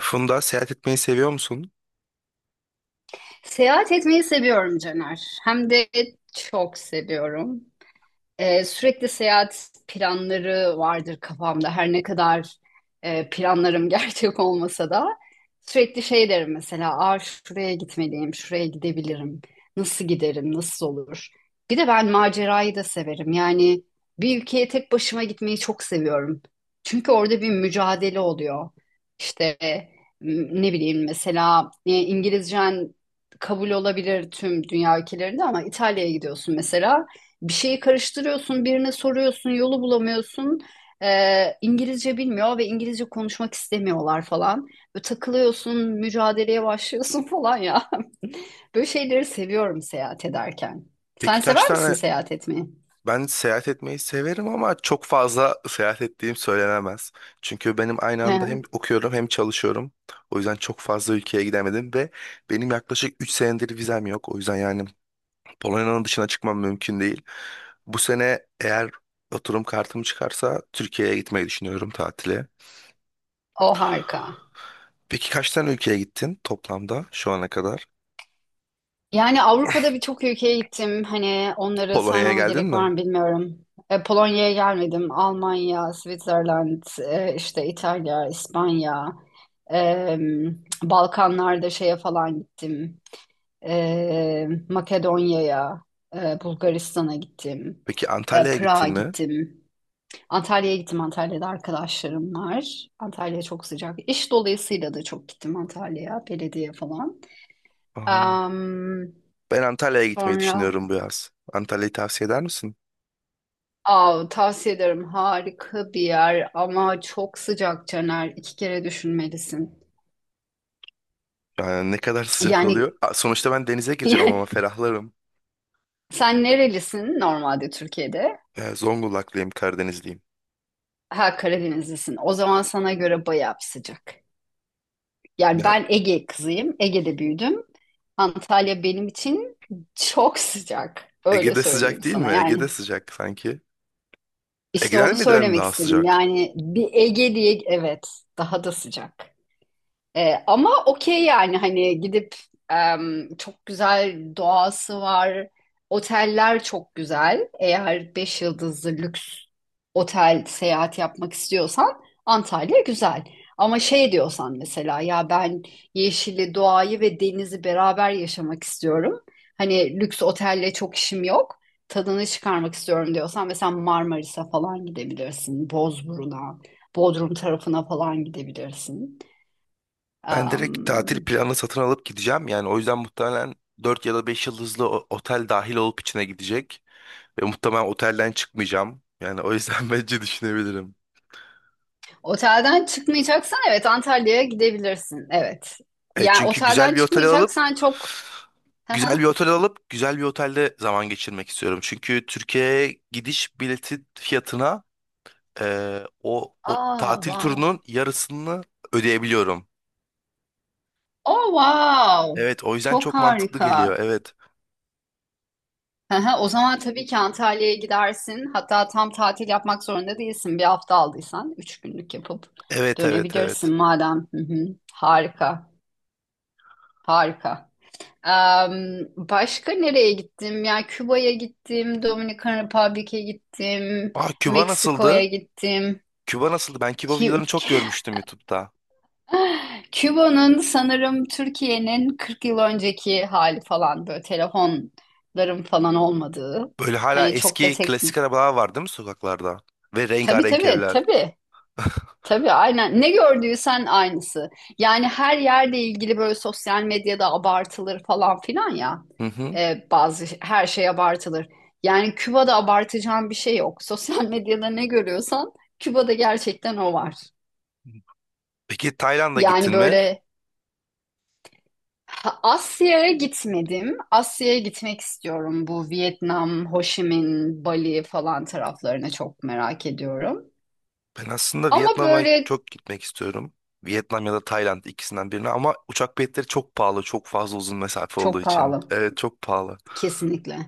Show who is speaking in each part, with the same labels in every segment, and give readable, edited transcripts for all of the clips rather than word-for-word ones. Speaker 1: Funda seyahat etmeyi seviyor musun?
Speaker 2: Seyahat etmeyi seviyorum Caner. Hem de çok seviyorum. Sürekli seyahat planları vardır kafamda. Her ne kadar planlarım gerçek olmasa da sürekli şey derim mesela, Aa, şuraya gitmeliyim, şuraya gidebilirim. Nasıl giderim, nasıl olur? Bir de ben macerayı da severim. Yani bir ülkeye tek başıma gitmeyi çok seviyorum. Çünkü orada bir mücadele oluyor. İşte ne bileyim mesela İngilizcen kabul olabilir tüm dünya ülkelerinde ama İtalya'ya gidiyorsun mesela. Bir şeyi karıştırıyorsun, birine soruyorsun, yolu bulamıyorsun. İngilizce bilmiyor ve İngilizce konuşmak istemiyorlar falan. Böyle takılıyorsun, mücadeleye başlıyorsun falan ya. Böyle şeyleri seviyorum seyahat ederken.
Speaker 1: Peki
Speaker 2: Sen
Speaker 1: kaç
Speaker 2: sever misin
Speaker 1: tane?
Speaker 2: seyahat etmeyi?
Speaker 1: Ben seyahat etmeyi severim ama çok fazla seyahat ettiğim söylenemez. Çünkü benim aynı anda hem okuyorum hem çalışıyorum. O yüzden çok fazla ülkeye gidemedim ve benim yaklaşık 3 senedir vizem yok. O yüzden yani Polonya'nın dışına çıkmam mümkün değil. Bu sene eğer oturum kartım çıkarsa Türkiye'ye gitmeyi düşünüyorum tatile.
Speaker 2: O harika.
Speaker 1: Peki kaç tane ülkeye gittin toplamda şu ana kadar?
Speaker 2: Yani Avrupa'da birçok ülkeye gittim. Hani onları
Speaker 1: Polonya'ya
Speaker 2: saymama
Speaker 1: geldin
Speaker 2: gerek var
Speaker 1: mi?
Speaker 2: mı bilmiyorum. Polonya'ya gelmedim. Almanya, Switzerland, işte İtalya, İspanya, e, Balkanlarda şeye falan gittim. Makedonya'ya, Bulgaristan'a gittim.
Speaker 1: Peki
Speaker 2: E,
Speaker 1: Antalya'ya gittin
Speaker 2: Prag'a
Speaker 1: mi?
Speaker 2: gittim. Antalya'ya gittim. Antalya'da arkadaşlarım var. Antalya çok sıcak. İş dolayısıyla da çok gittim Antalya'ya, belediye falan.
Speaker 1: Aha.
Speaker 2: Am,
Speaker 1: Ben Antalya'ya gitmeyi
Speaker 2: Sonra
Speaker 1: düşünüyorum bu yaz. Antalya'yı tavsiye eder misin?
Speaker 2: Aa, tavsiye ederim. Harika bir yer ama çok sıcak Caner. İki kere düşünmelisin.
Speaker 1: Yani ne kadar sıcak
Speaker 2: Yani
Speaker 1: oluyor. Aa, sonuçta ben denize gireceğim ama ferahlarım.
Speaker 2: sen nerelisin normalde Türkiye'de?
Speaker 1: Yani Zonguldaklıyım, Karadenizliyim.
Speaker 2: Ha Karadenizlisin. O zaman sana göre bayağı bir sıcak. Yani
Speaker 1: Yani
Speaker 2: ben Ege kızıyım. Ege'de büyüdüm. Antalya benim için çok sıcak. Öyle
Speaker 1: Ege'de
Speaker 2: söyleyeyim
Speaker 1: sıcak değil
Speaker 2: sana.
Speaker 1: mi?
Speaker 2: Yani
Speaker 1: Ege'de sıcak sanki.
Speaker 2: işte
Speaker 1: Ege'den
Speaker 2: onu
Speaker 1: mi dedim
Speaker 2: söylemek
Speaker 1: daha
Speaker 2: istedim.
Speaker 1: sıcak?
Speaker 2: Yani bir Ege diye evet daha da sıcak. Ama okey yani hani gidip çok güzel doğası var. Oteller çok güzel. Eğer beş yıldızlı lüks otel seyahat yapmak istiyorsan Antalya güzel. Ama şey diyorsan mesela ya ben yeşili, doğayı ve denizi beraber yaşamak istiyorum. Hani lüks otelle çok işim yok. Tadını çıkarmak istiyorum diyorsan mesela Marmaris'e falan gidebilirsin. Bozburun'a, Bodrum tarafına falan gidebilirsin.
Speaker 1: Ben direkt tatil
Speaker 2: Am,
Speaker 1: planını satın alıp gideceğim. Yani o yüzden muhtemelen 4 ya da 5 yıldızlı otel dahil olup içine gidecek. Ve muhtemelen otelden çıkmayacağım. Yani o yüzden bence düşünebilirim.
Speaker 2: otelden çıkmayacaksan evet Antalya'ya gidebilirsin. Evet.
Speaker 1: Evet
Speaker 2: Yani
Speaker 1: çünkü
Speaker 2: otelden çıkmayacaksan çok. Hı
Speaker 1: güzel
Speaker 2: hı.
Speaker 1: bir otel alıp güzel bir otelde zaman geçirmek istiyorum. Çünkü Türkiye'ye gidiş bileti fiyatına o
Speaker 2: Aa,
Speaker 1: tatil
Speaker 2: wow.
Speaker 1: turunun yarısını ödeyebiliyorum.
Speaker 2: Oh, wow.
Speaker 1: Evet o yüzden
Speaker 2: Çok
Speaker 1: çok mantıklı geliyor.
Speaker 2: harika.
Speaker 1: Evet.
Speaker 2: Hı hı. O zaman tabii ki Antalya'ya gidersin. Hatta tam tatil yapmak zorunda değilsin. Bir hafta aldıysan üç günlük yapıp
Speaker 1: Evet evet
Speaker 2: dönebilirsin
Speaker 1: evet.
Speaker 2: madem. Hı hı. Harika. Harika. Başka nereye gittim? Yani Küba'ya gittim, Dominikan Republic'e gittim,
Speaker 1: Aa, Küba
Speaker 2: Meksiko'ya
Speaker 1: nasıldı?
Speaker 2: gittim.
Speaker 1: Küba nasıldı? Ben Küba videolarını
Speaker 2: Kü-
Speaker 1: çok görmüştüm YouTube'da.
Speaker 2: Küba'nın sanırım Türkiye'nin 40 yıl önceki hali falan böyle telefonların falan olmadığı.
Speaker 1: Böyle hala
Speaker 2: Hani çok da
Speaker 1: eski
Speaker 2: tek...
Speaker 1: klasik arabalar var değil mi sokaklarda? Ve
Speaker 2: Tabii
Speaker 1: rengarenk
Speaker 2: tabii
Speaker 1: evler.
Speaker 2: tabii. Tabii aynen. Ne gördüysen aynısı. Yani her yerde ilgili böyle sosyal medyada abartılır falan filan ya.
Speaker 1: Hı hı.
Speaker 2: Bazı her şey abartılır. Yani Küba'da abartacağın bir şey yok. Sosyal medyada ne görüyorsan Küba'da gerçekten o var.
Speaker 1: Peki Tayland'a
Speaker 2: Yani
Speaker 1: gittin mi?
Speaker 2: böyle ha, Asya'ya gitmedim. Asya'ya gitmek istiyorum. Bu Vietnam, Ho Chi Minh, Bali falan taraflarına çok merak ediyorum.
Speaker 1: Ben aslında
Speaker 2: Ama
Speaker 1: Vietnam'a
Speaker 2: böyle
Speaker 1: çok gitmek istiyorum. Vietnam ya da Tayland ikisinden birine ama uçak biletleri çok pahalı. Çok fazla uzun mesafe olduğu
Speaker 2: çok
Speaker 1: için.
Speaker 2: pahalı.
Speaker 1: Evet çok pahalı.
Speaker 2: Kesinlikle.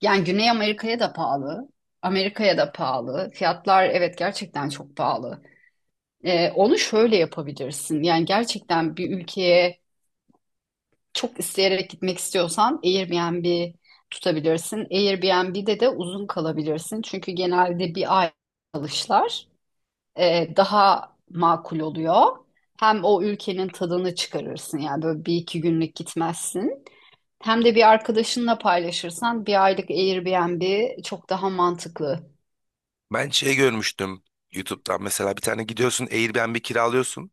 Speaker 2: Yani Güney Amerika'ya da pahalı. Amerika'ya da pahalı. Fiyatlar evet gerçekten çok pahalı. Onu şöyle yapabilirsin. Yani gerçekten bir ülkeye çok isteyerek gitmek istiyorsan Airbnb tutabilirsin. Airbnb'de de uzun kalabilirsin. Çünkü genelde bir ay kalışlar daha makul oluyor. Hem o ülkenin tadını çıkarırsın. Yani böyle bir iki günlük gitmezsin. Hem de bir arkadaşınla paylaşırsan bir aylık Airbnb çok daha mantıklı.
Speaker 1: Ben şey görmüştüm YouTube'dan mesela bir tane gidiyorsun Airbnb kiralıyorsun.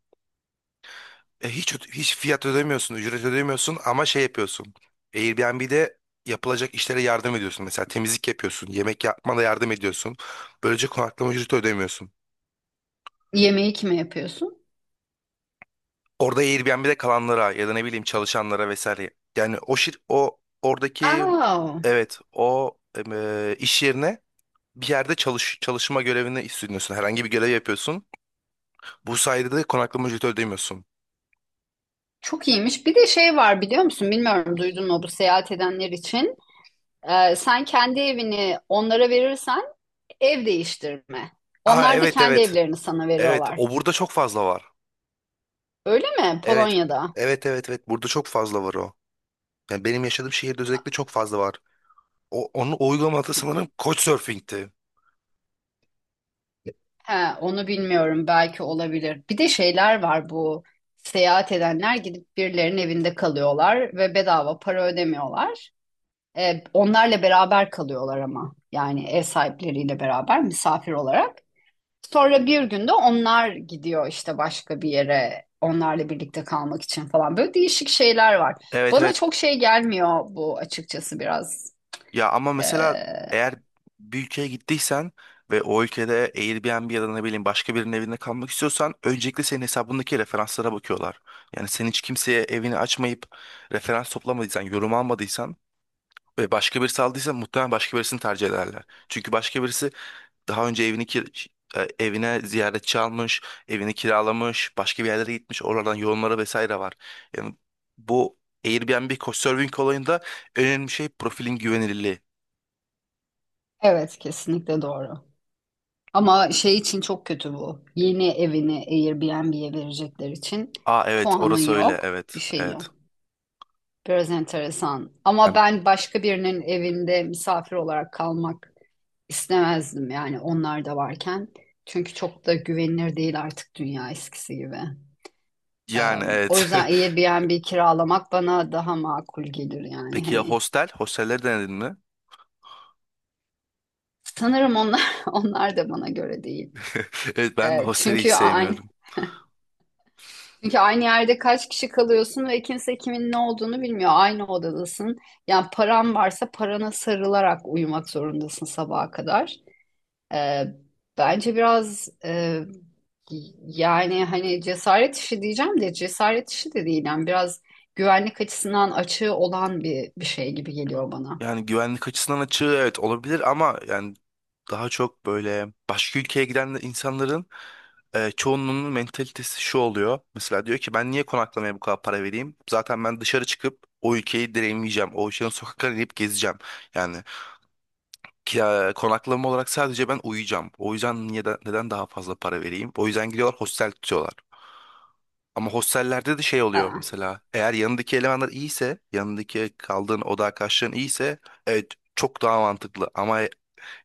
Speaker 1: E, hiç fiyat ödemiyorsun, ücret ödemiyorsun ama şey yapıyorsun. Airbnb'de yapılacak işlere yardım ediyorsun. Mesela temizlik yapıyorsun, yemek yapmana yardım ediyorsun. Böylece konaklama ücreti ödemiyorsun.
Speaker 2: Yemeği kime yapıyorsun?
Speaker 1: Orada Airbnb'de kalanlara ya da ne bileyim çalışanlara vesaire. Yani o oradaki
Speaker 2: Aa,
Speaker 1: evet o iş yerine bir yerde çalışma görevini üstleniyorsun. Herhangi bir görev yapıyorsun. Bu sayede de konaklama ücreti ödemiyorsun.
Speaker 2: çok iyiymiş. Bir de şey var biliyor musun? Bilmiyorum duydun mu bu seyahat edenler için. Sen kendi evini onlara verirsen ev değiştirme.
Speaker 1: Aa,
Speaker 2: Onlar da
Speaker 1: evet
Speaker 2: kendi
Speaker 1: evet.
Speaker 2: evlerini sana
Speaker 1: Evet
Speaker 2: veriyorlar.
Speaker 1: o burada çok fazla var.
Speaker 2: Öyle mi?
Speaker 1: Evet.
Speaker 2: Polonya'da.
Speaker 1: Evet evet evet burada çok fazla var o. Yani benim yaşadığım şehirde özellikle çok fazla var. Onun uygulaması sanırım Couchsurfing'ti.
Speaker 2: He, onu bilmiyorum. Belki olabilir. Bir de şeyler var bu. Seyahat edenler gidip birilerinin evinde kalıyorlar ve bedava para ödemiyorlar. Onlarla beraber kalıyorlar ama. Yani ev sahipleriyle beraber misafir olarak. Sonra bir günde onlar gidiyor işte başka bir yere onlarla birlikte kalmak için falan. Böyle değişik şeyler var.
Speaker 1: Evet
Speaker 2: Bana
Speaker 1: evet.
Speaker 2: çok şey gelmiyor bu açıkçası biraz.
Speaker 1: Ya ama
Speaker 2: Ee,
Speaker 1: mesela eğer bir ülkeye gittiysen ve o ülkede Airbnb ya da ne bileyim başka birinin evinde kalmak istiyorsan öncelikle senin hesabındaki referanslara bakıyorlar. Yani sen hiç kimseye evini açmayıp referans toplamadıysan, yorum almadıysan ve başka birisi aldıysa muhtemelen başka birisini tercih ederler. Çünkü başka birisi daha önce evine ziyaretçi almış, evini kiralamış, başka bir yerlere gitmiş, oralardan yorumları vesaire var. Yani bu Airbnb Couchsurfing olayında önemli şey profilin güvenilirliği.
Speaker 2: evet kesinlikle doğru. Ama şey için çok kötü bu. Yeni evini Airbnb'ye verecekler için
Speaker 1: Aa, evet
Speaker 2: puanın
Speaker 1: orası öyle
Speaker 2: yok, bir
Speaker 1: evet
Speaker 2: şeyin
Speaker 1: evet.
Speaker 2: yok. Biraz enteresan. Ama
Speaker 1: Yani,
Speaker 2: ben başka birinin evinde misafir olarak kalmak istemezdim yani onlar da varken. Çünkü çok da güvenilir değil artık dünya eskisi gibi. Ee,
Speaker 1: yani
Speaker 2: o
Speaker 1: evet.
Speaker 2: yüzden Airbnb kiralamak bana daha makul gelir yani
Speaker 1: Peki ya
Speaker 2: hani.
Speaker 1: hostel? Hostelleri denedin mi?
Speaker 2: Sanırım onlar onlar da bana göre değil.
Speaker 1: Evet ben
Speaker 2: Ee,
Speaker 1: hosteli hiç
Speaker 2: çünkü aynı
Speaker 1: sevmiyorum.
Speaker 2: çünkü aynı yerde kaç kişi kalıyorsun ve kimse kimin ne olduğunu bilmiyor. Aynı odadasın. Yani paran varsa parana sarılarak uyumak zorundasın sabaha kadar. Ee, bence biraz yani hani cesaret işi diyeceğim de cesaret işi de değil. Yani biraz güvenlik açısından açığı olan bir şey gibi geliyor bana.
Speaker 1: Yani güvenlik açısından açığı evet olabilir ama yani daha çok böyle başka ülkeye giden de insanların çoğunluğunun mentalitesi şu oluyor. Mesela diyor ki ben niye konaklamaya bu kadar para vereyim? Zaten ben dışarı çıkıp o ülkeyi deneyimleyeceğim. O ülkenin sokaklarını inip gezeceğim. Yani konaklama olarak sadece ben uyuyacağım. O yüzden neden daha fazla para vereyim? O yüzden gidiyorlar hostel tutuyorlar. Ama hostellerde de şey oluyor
Speaker 2: Ha.
Speaker 1: mesela. Eğer yanındaki elemanlar iyiyse, yanındaki kaldığın oda arkadaşların iyiyse, evet çok daha mantıklı. Ama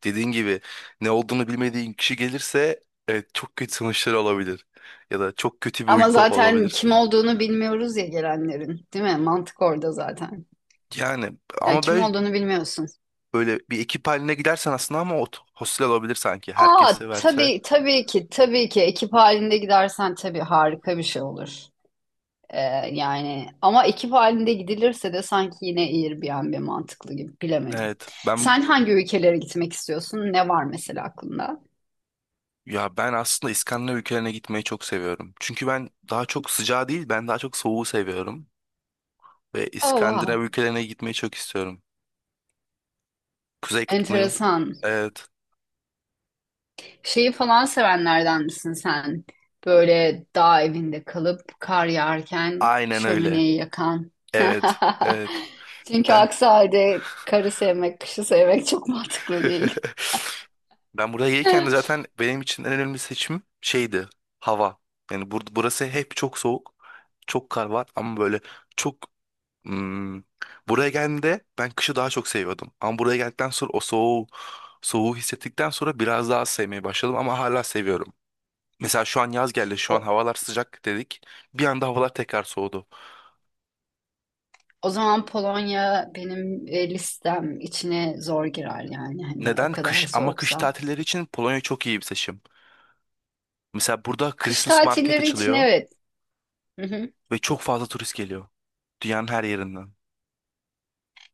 Speaker 1: dediğin gibi ne olduğunu bilmediğin kişi gelirse evet çok kötü sonuçlar olabilir. Ya da çok kötü bir
Speaker 2: Ama
Speaker 1: uyku
Speaker 2: zaten kim
Speaker 1: olabilirsin.
Speaker 2: olduğunu bilmiyoruz ya gelenlerin, değil mi? Mantık orada zaten.
Speaker 1: Yani
Speaker 2: Ya
Speaker 1: ama
Speaker 2: kim
Speaker 1: böyle
Speaker 2: olduğunu bilmiyorsun.
Speaker 1: böyle bir ekip haline gidersen aslında ama o hostel olabilir sanki.
Speaker 2: Aa
Speaker 1: Herkese verse.
Speaker 2: tabii tabii ki tabii ki ekip halinde gidersen tabii harika bir şey olur. Ee, yani ama ekip halinde gidilirse de sanki yine Airbnb mantıklı gibi bilemedim.
Speaker 1: Evet.
Speaker 2: Sen hangi ülkelere gitmek istiyorsun? Ne var mesela aklında?
Speaker 1: Ya ben aslında İskandinav ülkelerine gitmeyi çok seviyorum. Çünkü ben daha çok sıcağı değil, ben daha çok soğuğu seviyorum. Ve
Speaker 2: Oh wow.
Speaker 1: İskandinav ülkelerine gitmeyi çok istiyorum. Kuzey Kutbu'nu.
Speaker 2: Enteresan.
Speaker 1: Evet.
Speaker 2: Şeyi falan sevenlerden misin sen? Böyle dağ evinde kalıp kar yağarken
Speaker 1: Aynen öyle.
Speaker 2: şömineyi yakan.
Speaker 1: Evet. Evet.
Speaker 2: Çünkü
Speaker 1: Ben...
Speaker 2: aksi halde karı sevmek, kışı sevmek çok mantıklı değil.
Speaker 1: Ben buraya gelirken de zaten benim için en önemli seçim şeydi. Hava. Yani burası hep çok soğuk. Çok kar var ama böyle çok... hmm, buraya geldiğimde ben kışı daha çok seviyordum. Ama buraya geldikten sonra o soğuğu soğuğu hissettikten sonra biraz daha az sevmeye başladım ama hala seviyorum. Mesela şu an yaz geldi, şu
Speaker 2: O,
Speaker 1: an havalar sıcak dedik. Bir anda havalar tekrar soğudu.
Speaker 2: O zaman Polonya benim listem içine zor girer yani hani o
Speaker 1: Neden?
Speaker 2: kadar
Speaker 1: Kış ama kış
Speaker 2: soğuksa.
Speaker 1: tatilleri için Polonya çok iyi bir seçim. Mesela burada
Speaker 2: Kış
Speaker 1: Christmas market
Speaker 2: tatilleri için
Speaker 1: açılıyor
Speaker 2: evet. Hı hı.
Speaker 1: ve çok fazla turist geliyor. Dünyanın her yerinden.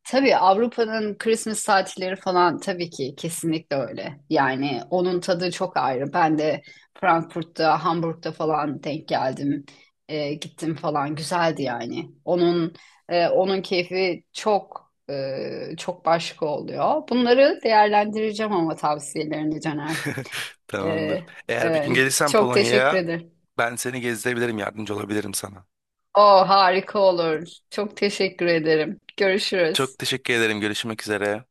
Speaker 2: Tabii Avrupa'nın Christmas tatilleri falan tabii ki kesinlikle öyle. Yani onun tadı çok ayrı. Ben de Frankfurt'ta, Hamburg'da falan denk geldim. Gittim falan güzeldi yani. Onun keyfi çok çok başka oluyor. Bunları değerlendireceğim ama tavsiyelerini Caner. Ee,
Speaker 1: Tamamdır. Eğer bir gün
Speaker 2: evet.
Speaker 1: gelirsen
Speaker 2: Çok teşekkür
Speaker 1: Polonya'ya
Speaker 2: ederim.
Speaker 1: ben seni gezdirebilirim, yardımcı olabilirim sana.
Speaker 2: O harika olur. Çok teşekkür ederim. Görüşürüz.
Speaker 1: Çok teşekkür ederim. Görüşmek üzere.